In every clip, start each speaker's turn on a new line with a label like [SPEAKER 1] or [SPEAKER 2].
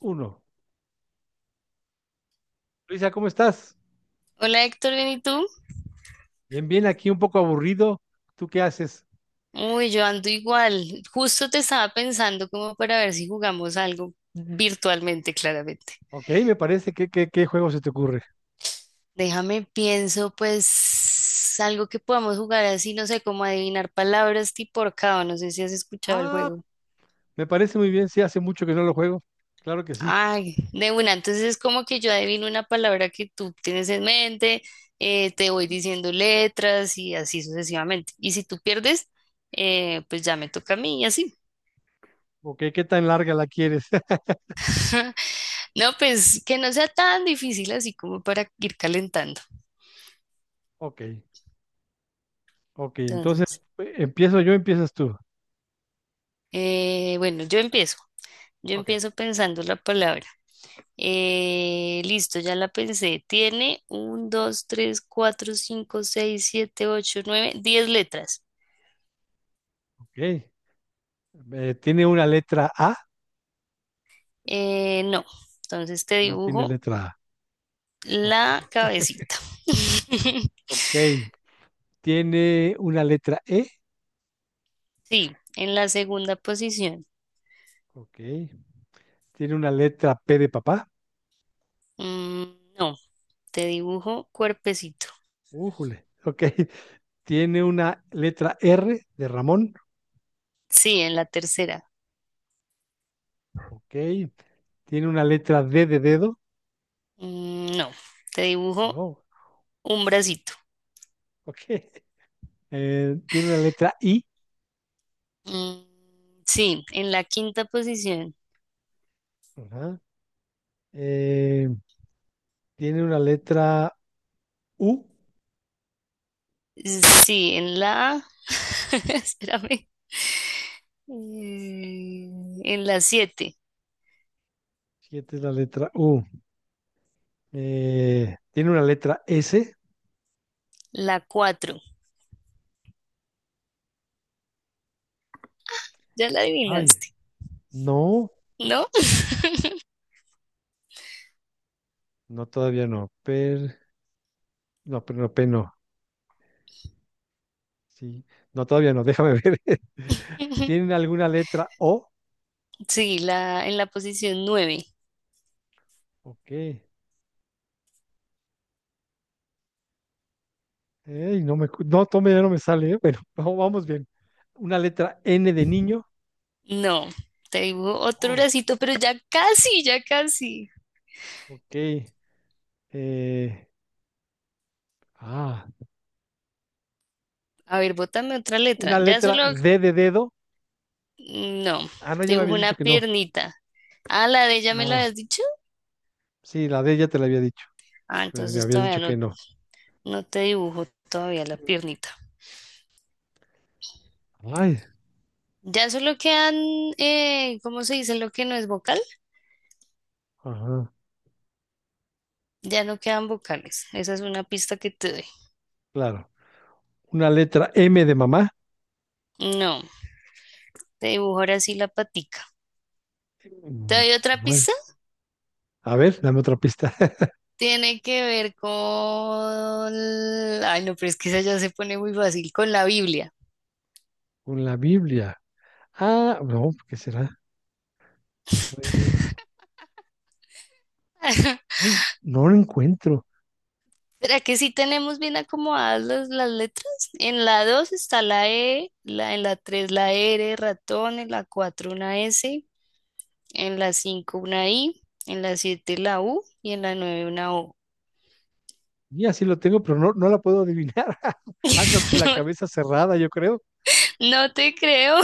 [SPEAKER 1] Uno. Luisa, ¿cómo estás?
[SPEAKER 2] Hola Héctor, ¿bien y tú?
[SPEAKER 1] Bien, bien, aquí un poco aburrido. ¿Tú qué haces?
[SPEAKER 2] Uy, yo ando igual. Justo te estaba pensando como para ver si jugamos algo virtualmente, claramente.
[SPEAKER 1] Ok, me parece. ¿Qué juego se te ocurre?
[SPEAKER 2] Déjame pienso, pues, algo que podamos jugar así, no sé, como adivinar palabras tipo ahorcado. No sé si has escuchado el
[SPEAKER 1] Ah,
[SPEAKER 2] juego.
[SPEAKER 1] me parece muy bien. Sí, hace mucho que no lo juego. Claro que sí.
[SPEAKER 2] Ay, de una. Entonces es como que yo adivino una palabra que tú tienes en mente, te voy diciendo letras y así sucesivamente. Y si tú pierdes, pues ya me toca a mí y así.
[SPEAKER 1] Ok, ¿qué tan larga la quieres?
[SPEAKER 2] No, pues que no sea tan difícil así como para ir calentando.
[SPEAKER 1] Ok, ok. Entonces,
[SPEAKER 2] Entonces,
[SPEAKER 1] ¿empiezo yo empiezas tú?
[SPEAKER 2] bueno, yo empiezo. Yo
[SPEAKER 1] Ok,
[SPEAKER 2] empiezo pensando la palabra. Listo, ya la pensé. Tiene un, dos, tres, cuatro, cinco, seis, siete, ocho, nueve, diez letras.
[SPEAKER 1] ok. ¿Tiene una letra A?
[SPEAKER 2] No, entonces te
[SPEAKER 1] No tiene
[SPEAKER 2] dibujo
[SPEAKER 1] letra A. Ok.
[SPEAKER 2] la cabecita.
[SPEAKER 1] Ok. ¿Tiene una letra E?
[SPEAKER 2] Sí, en la segunda posición.
[SPEAKER 1] Ok. ¿Tiene una letra P de papá?
[SPEAKER 2] Mm, no, te dibujo cuerpecito.
[SPEAKER 1] Újule. Ok. Tiene una letra R de Ramón.
[SPEAKER 2] Sí, en la tercera.
[SPEAKER 1] Ok. Tiene una letra D de dedo,
[SPEAKER 2] No, te dibujo
[SPEAKER 1] no.
[SPEAKER 2] un bracito.
[SPEAKER 1] Ok. Tiene una letra I,
[SPEAKER 2] Mm, sí, en la quinta posición.
[SPEAKER 1] ajá. Eh, tiene una letra U,
[SPEAKER 2] Sí, en la... Espérame. Eh, en la siete,
[SPEAKER 1] siete es la letra U. Tiene una letra S,
[SPEAKER 2] la cuatro. Ya la
[SPEAKER 1] ay,
[SPEAKER 2] adivinaste,
[SPEAKER 1] no,
[SPEAKER 2] ¿no?
[SPEAKER 1] no, todavía no. No, pero no, per no. Sí, no, todavía no, déjame ver. ¿Tienen alguna letra O?
[SPEAKER 2] Sí, en la posición nueve.
[SPEAKER 1] Ok. Ey, no me, no, tome, ya no me sale, ¿eh? Bueno, vamos bien. Una letra N de niño.
[SPEAKER 2] No, te dibujo otro
[SPEAKER 1] Oh,
[SPEAKER 2] bracito, pero ya casi, ya casi.
[SPEAKER 1] ok. Eh, ah,
[SPEAKER 2] A ver, bótame otra letra.
[SPEAKER 1] una
[SPEAKER 2] Ya
[SPEAKER 1] letra
[SPEAKER 2] solo...
[SPEAKER 1] D de dedo.
[SPEAKER 2] No,
[SPEAKER 1] Ah, no,
[SPEAKER 2] te
[SPEAKER 1] ya me
[SPEAKER 2] dibujo
[SPEAKER 1] habías
[SPEAKER 2] una
[SPEAKER 1] dicho que no.
[SPEAKER 2] piernita. Ah, la de ella me la
[SPEAKER 1] Ah,
[SPEAKER 2] habías dicho.
[SPEAKER 1] sí, la D ya te la había dicho,
[SPEAKER 2] Ah,
[SPEAKER 1] pero me
[SPEAKER 2] entonces
[SPEAKER 1] habías
[SPEAKER 2] todavía
[SPEAKER 1] dicho que
[SPEAKER 2] no.
[SPEAKER 1] no.
[SPEAKER 2] No te dibujo todavía la piernita.
[SPEAKER 1] Ay,
[SPEAKER 2] Ya solo quedan, ¿cómo se dice lo que no es vocal?
[SPEAKER 1] ajá,
[SPEAKER 2] Ya no quedan vocales. Esa es una pista que te doy.
[SPEAKER 1] claro. Una letra M de mamá.
[SPEAKER 2] No, te dibujo ahora sí la patica. ¿Te
[SPEAKER 1] Mm.
[SPEAKER 2] doy otra
[SPEAKER 1] No
[SPEAKER 2] pista?
[SPEAKER 1] es. A ver, dame otra pista.
[SPEAKER 2] Tiene que ver con... Ay, no, pero es que esa ya se pone muy fácil con la Biblia.
[SPEAKER 1] Con la Biblia. Ah, no, ¿qué será? Re- No, no lo encuentro.
[SPEAKER 2] ¿Será que sí tenemos bien acomodadas las letras? En la 2 está la E, en la 3 la R, ratón, en la 4 una S, en la 5 una I, en la 7 la U y en la nueve una O.
[SPEAKER 1] Y así lo tengo, pero no, no la puedo adivinar. Ando con la cabeza cerrada, yo creo,
[SPEAKER 2] No, no te creo.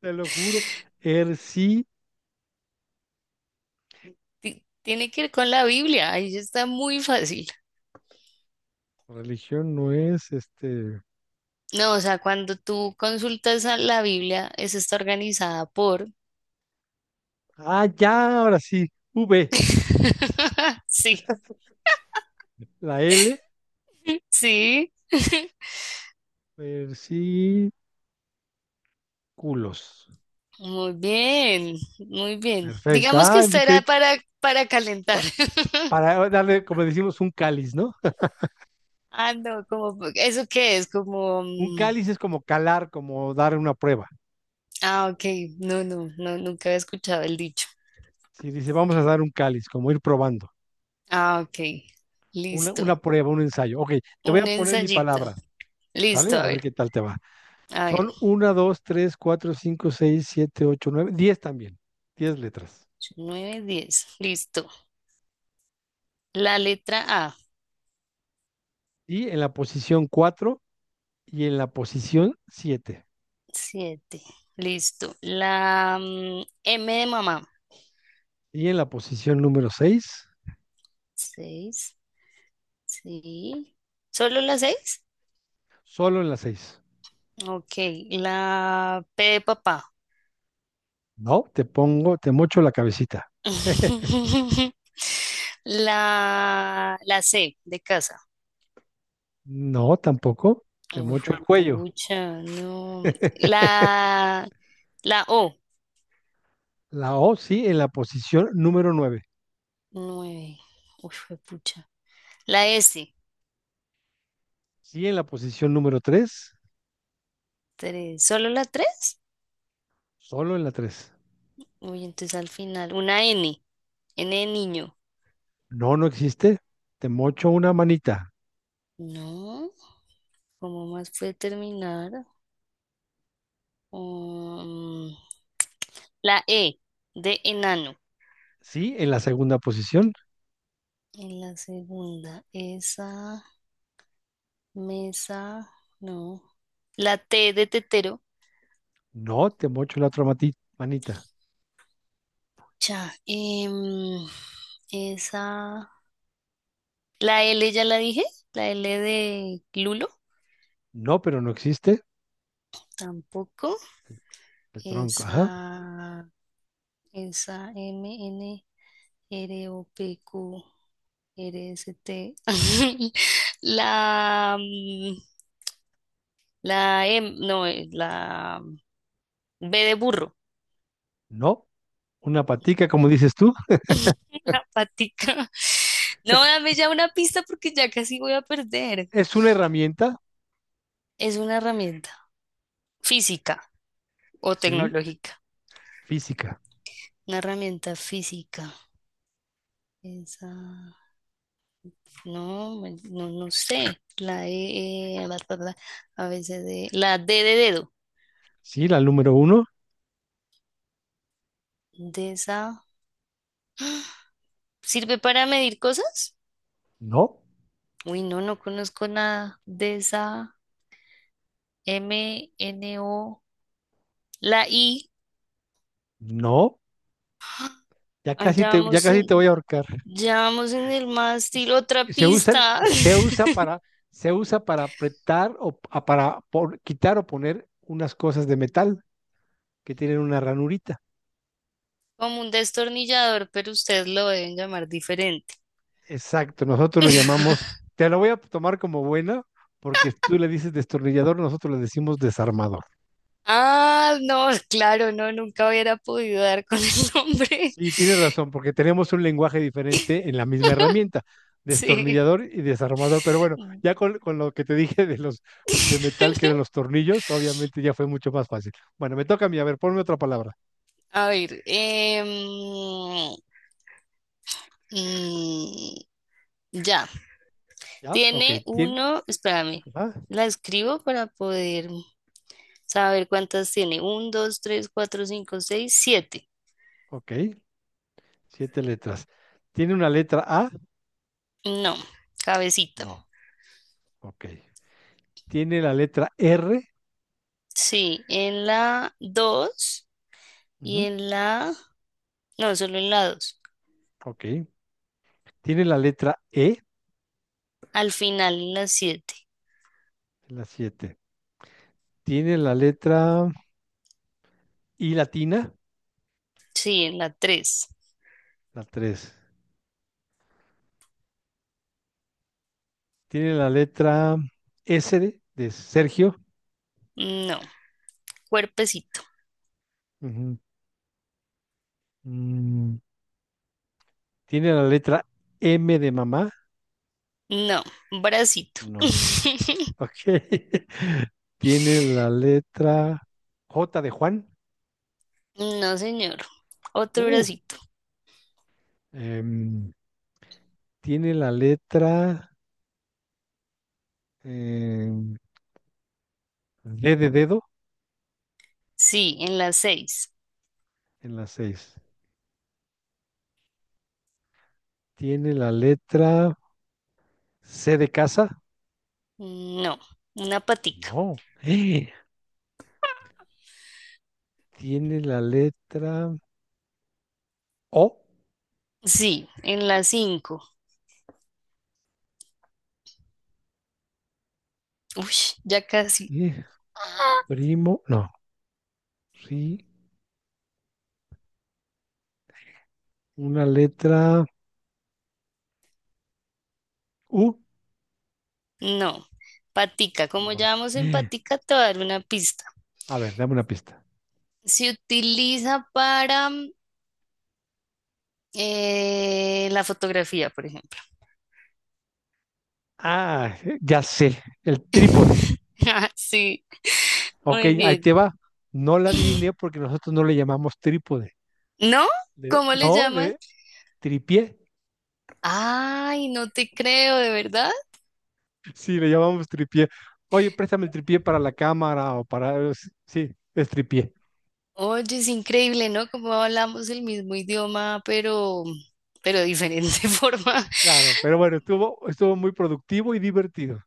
[SPEAKER 1] te lo juro. Er sí,
[SPEAKER 2] Tiene que ver con la Biblia. Ahí está muy fácil.
[SPEAKER 1] religión no es este.
[SPEAKER 2] No, o sea, cuando tú consultas a la Biblia, esa está organizada por...
[SPEAKER 1] Ah, ya, ahora sí. V,
[SPEAKER 2] Sí,
[SPEAKER 1] la L,
[SPEAKER 2] sí.
[SPEAKER 1] versículos.
[SPEAKER 2] Muy bien, muy bien.
[SPEAKER 1] Perfecto.
[SPEAKER 2] Digamos que
[SPEAKER 1] Ah, sí
[SPEAKER 2] esta
[SPEAKER 1] creí
[SPEAKER 2] era
[SPEAKER 1] que
[SPEAKER 2] para calentar.
[SPEAKER 1] pa- para darle, como decimos, un cáliz, ¿no?
[SPEAKER 2] Ah, no, como, ¿eso qué es? Como,
[SPEAKER 1] Un cáliz es como calar, como dar una prueba.
[SPEAKER 2] ah, ok, no, no, no, nunca había escuchado el dicho.
[SPEAKER 1] Si dice, vamos a dar un cáliz, como ir probando.
[SPEAKER 2] Ah, ok.
[SPEAKER 1] Una,
[SPEAKER 2] Listo.
[SPEAKER 1] una prueba, un ensayo. Ok, te voy
[SPEAKER 2] Un
[SPEAKER 1] a poner mi
[SPEAKER 2] ensayito.
[SPEAKER 1] palabra,
[SPEAKER 2] Listo,
[SPEAKER 1] ¿sale? A
[SPEAKER 2] a
[SPEAKER 1] ver
[SPEAKER 2] ver.
[SPEAKER 1] qué tal te va.
[SPEAKER 2] A ver.
[SPEAKER 1] Son uno, 2 3 4 5 6 7 8 9 10 también. 10 letras.
[SPEAKER 2] 8, 9, 10. Listo. La letra A.
[SPEAKER 1] Y en la posición 4 y en la posición siete.
[SPEAKER 2] 7. Listo. La M de mamá.
[SPEAKER 1] Y en la posición número seis,
[SPEAKER 2] Seis. Sí. ¿Solo la seis?
[SPEAKER 1] solo en la seis.
[SPEAKER 2] Ok. La P de papá.
[SPEAKER 1] No, te pongo, te mocho la cabecita.
[SPEAKER 2] La C de casa.
[SPEAKER 1] No, tampoco. Te
[SPEAKER 2] Uy,
[SPEAKER 1] mocho el cuello.
[SPEAKER 2] pucha, no. La O.
[SPEAKER 1] La O sí, en la posición número nueve.
[SPEAKER 2] 9. Uy, pucha. La S.
[SPEAKER 1] Sí, en la posición número tres,
[SPEAKER 2] Tres. ¿Solo la tres?
[SPEAKER 1] solo en la tres.
[SPEAKER 2] Uy, entonces al final. Una N. N de niño.
[SPEAKER 1] No, no existe. Te mocho una manita.
[SPEAKER 2] No. ¿Cómo más puede terminar? Um, la E. De enano.
[SPEAKER 1] Sí, en la segunda posición.
[SPEAKER 2] En la segunda. Esa. Mesa. No. La T de tetero.
[SPEAKER 1] No, te mocho la otra manita.
[SPEAKER 2] Ya. Esa. La L ya la dije. La L de Lulo.
[SPEAKER 1] No, pero no existe.
[SPEAKER 2] Tampoco.
[SPEAKER 1] El tronco, ajá.
[SPEAKER 2] Esa. Esa M, N. R O P ROPQ, RST, la, mm, la M, no, la B de burro,
[SPEAKER 1] No, una patica, como dices tú,
[SPEAKER 2] la patica. No, dame ya una pista porque ya casi voy a perder.
[SPEAKER 1] es una herramienta,
[SPEAKER 2] Es una herramienta física o
[SPEAKER 1] sí,
[SPEAKER 2] tecnológica.
[SPEAKER 1] física.
[SPEAKER 2] Una herramienta física. Esa, no, no, no sé. La E, bla, bla, bla, A, B, C, D. La D de dedo.
[SPEAKER 1] Sí, la número uno.
[SPEAKER 2] De esa. ¿Sirve para medir cosas?
[SPEAKER 1] No,
[SPEAKER 2] Uy, no, no conozco nada de esa m n o. La I.
[SPEAKER 1] no. Ya
[SPEAKER 2] Ah,
[SPEAKER 1] casi
[SPEAKER 2] Ya
[SPEAKER 1] te, ya
[SPEAKER 2] vamos
[SPEAKER 1] casi te
[SPEAKER 2] en,
[SPEAKER 1] voy a ahorcar.
[SPEAKER 2] ya vamos en el mástil,
[SPEAKER 1] Se
[SPEAKER 2] otra
[SPEAKER 1] se usa,
[SPEAKER 2] pista.
[SPEAKER 1] se usa para, se usa para apretar o para quitar o poner unas cosas de metal que tienen una ranurita.
[SPEAKER 2] Como un destornillador, pero ustedes lo deben llamar diferente.
[SPEAKER 1] Exacto, nosotros lo llamamos, te lo voy a tomar como buena, porque tú le dices destornillador, nosotros le decimos desarmador.
[SPEAKER 2] Ah, no, claro, no, nunca hubiera podido dar con el nombre.
[SPEAKER 1] Sí, tienes razón, porque tenemos un lenguaje diferente en la misma herramienta,
[SPEAKER 2] Sí.
[SPEAKER 1] destornillador y desarmador. Pero bueno, ya con lo que te dije de los de metal que eran los tornillos, obviamente ya fue mucho más fácil. Bueno, me toca a mí, a ver, ponme otra palabra.
[SPEAKER 2] A ver, mm, ya.
[SPEAKER 1] ¿Ya? Ok,
[SPEAKER 2] Tiene
[SPEAKER 1] tiene,
[SPEAKER 2] uno, espérame,
[SPEAKER 1] ajá,
[SPEAKER 2] la escribo para poder saber cuántas tiene. Un, dos, tres, cuatro, cinco, seis, siete.
[SPEAKER 1] ok, siete letras. ¿Tiene una letra A?
[SPEAKER 2] No, cabecita.
[SPEAKER 1] No. Ok. ¿Tiene la letra R?
[SPEAKER 2] Sí, en la dos y
[SPEAKER 1] Ujú.
[SPEAKER 2] en la... No, solo en la dos.
[SPEAKER 1] Ok. Tiene la letra E,
[SPEAKER 2] Al final en la siete.
[SPEAKER 1] la siete. Tiene la letra I latina,
[SPEAKER 2] Sí, en la tres.
[SPEAKER 1] la tres. Tiene la letra S de Sergio.
[SPEAKER 2] No, cuerpecito.
[SPEAKER 1] Ujú. Mm, Tiene la letra M de mamá.
[SPEAKER 2] No, bracito.
[SPEAKER 1] No. Ok. Tiene la letra J de Juan.
[SPEAKER 2] No, señor. Otro
[SPEAKER 1] Uh.
[SPEAKER 2] bracito.
[SPEAKER 1] Em, tiene la letra em, D de dedo
[SPEAKER 2] Sí, en la seis.
[SPEAKER 1] en la seis. Tiene la letra C de casa.
[SPEAKER 2] No, una patica.
[SPEAKER 1] No. Tiene la letra O,
[SPEAKER 2] Sí, en la 5. Uy, ya casi.
[SPEAKER 1] eh, primo, no, sí, una letra U,
[SPEAKER 2] No. Patica, como ya
[SPEAKER 1] no.
[SPEAKER 2] vamos en patica, te voy a dar una pista.
[SPEAKER 1] A ver, dame una pista.
[SPEAKER 2] Se utiliza para la fotografía, por ejemplo.
[SPEAKER 1] Ah, ya sé, el trípode.
[SPEAKER 2] Sí,
[SPEAKER 1] Ok,
[SPEAKER 2] muy
[SPEAKER 1] ahí
[SPEAKER 2] bien.
[SPEAKER 1] te va. No la adiviné porque nosotros no le llamamos trípode.
[SPEAKER 2] ¿No? ¿Cómo le
[SPEAKER 1] No,
[SPEAKER 2] llaman?
[SPEAKER 1] le tripié.
[SPEAKER 2] Ay, no te creo, ¿de verdad?
[SPEAKER 1] Sí, le llamamos tripié. Oye, préstame el tripié para la cámara o para. Sí, sí, es tripié.
[SPEAKER 2] Oye, es increíble, ¿no? Como hablamos el mismo idioma, pero de diferente forma.
[SPEAKER 1] Claro, pero bueno, estuvo muy productivo y divertido.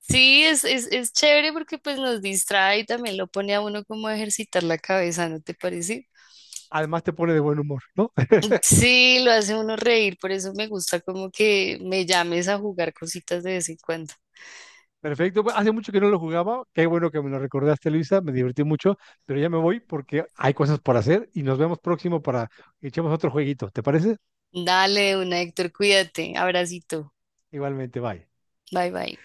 [SPEAKER 2] Sí, es chévere porque pues nos distrae y también lo pone a uno como a ejercitar la cabeza, ¿no te parece?
[SPEAKER 1] Además te pone de buen humor, ¿no?
[SPEAKER 2] Sí, lo hace uno reír, por eso me gusta como que me llames a jugar cositas de vez en cuando.
[SPEAKER 1] Perfecto, pues, hace mucho que no lo jugaba, qué bueno que me lo recordaste, Luisa, me divertí mucho, pero ya me voy porque hay cosas por hacer y nos vemos próximo para que echemos otro jueguito, ¿te parece?
[SPEAKER 2] Dale, una Héctor, cuídate. Abracito.
[SPEAKER 1] Igualmente, bye.
[SPEAKER 2] Bye bye.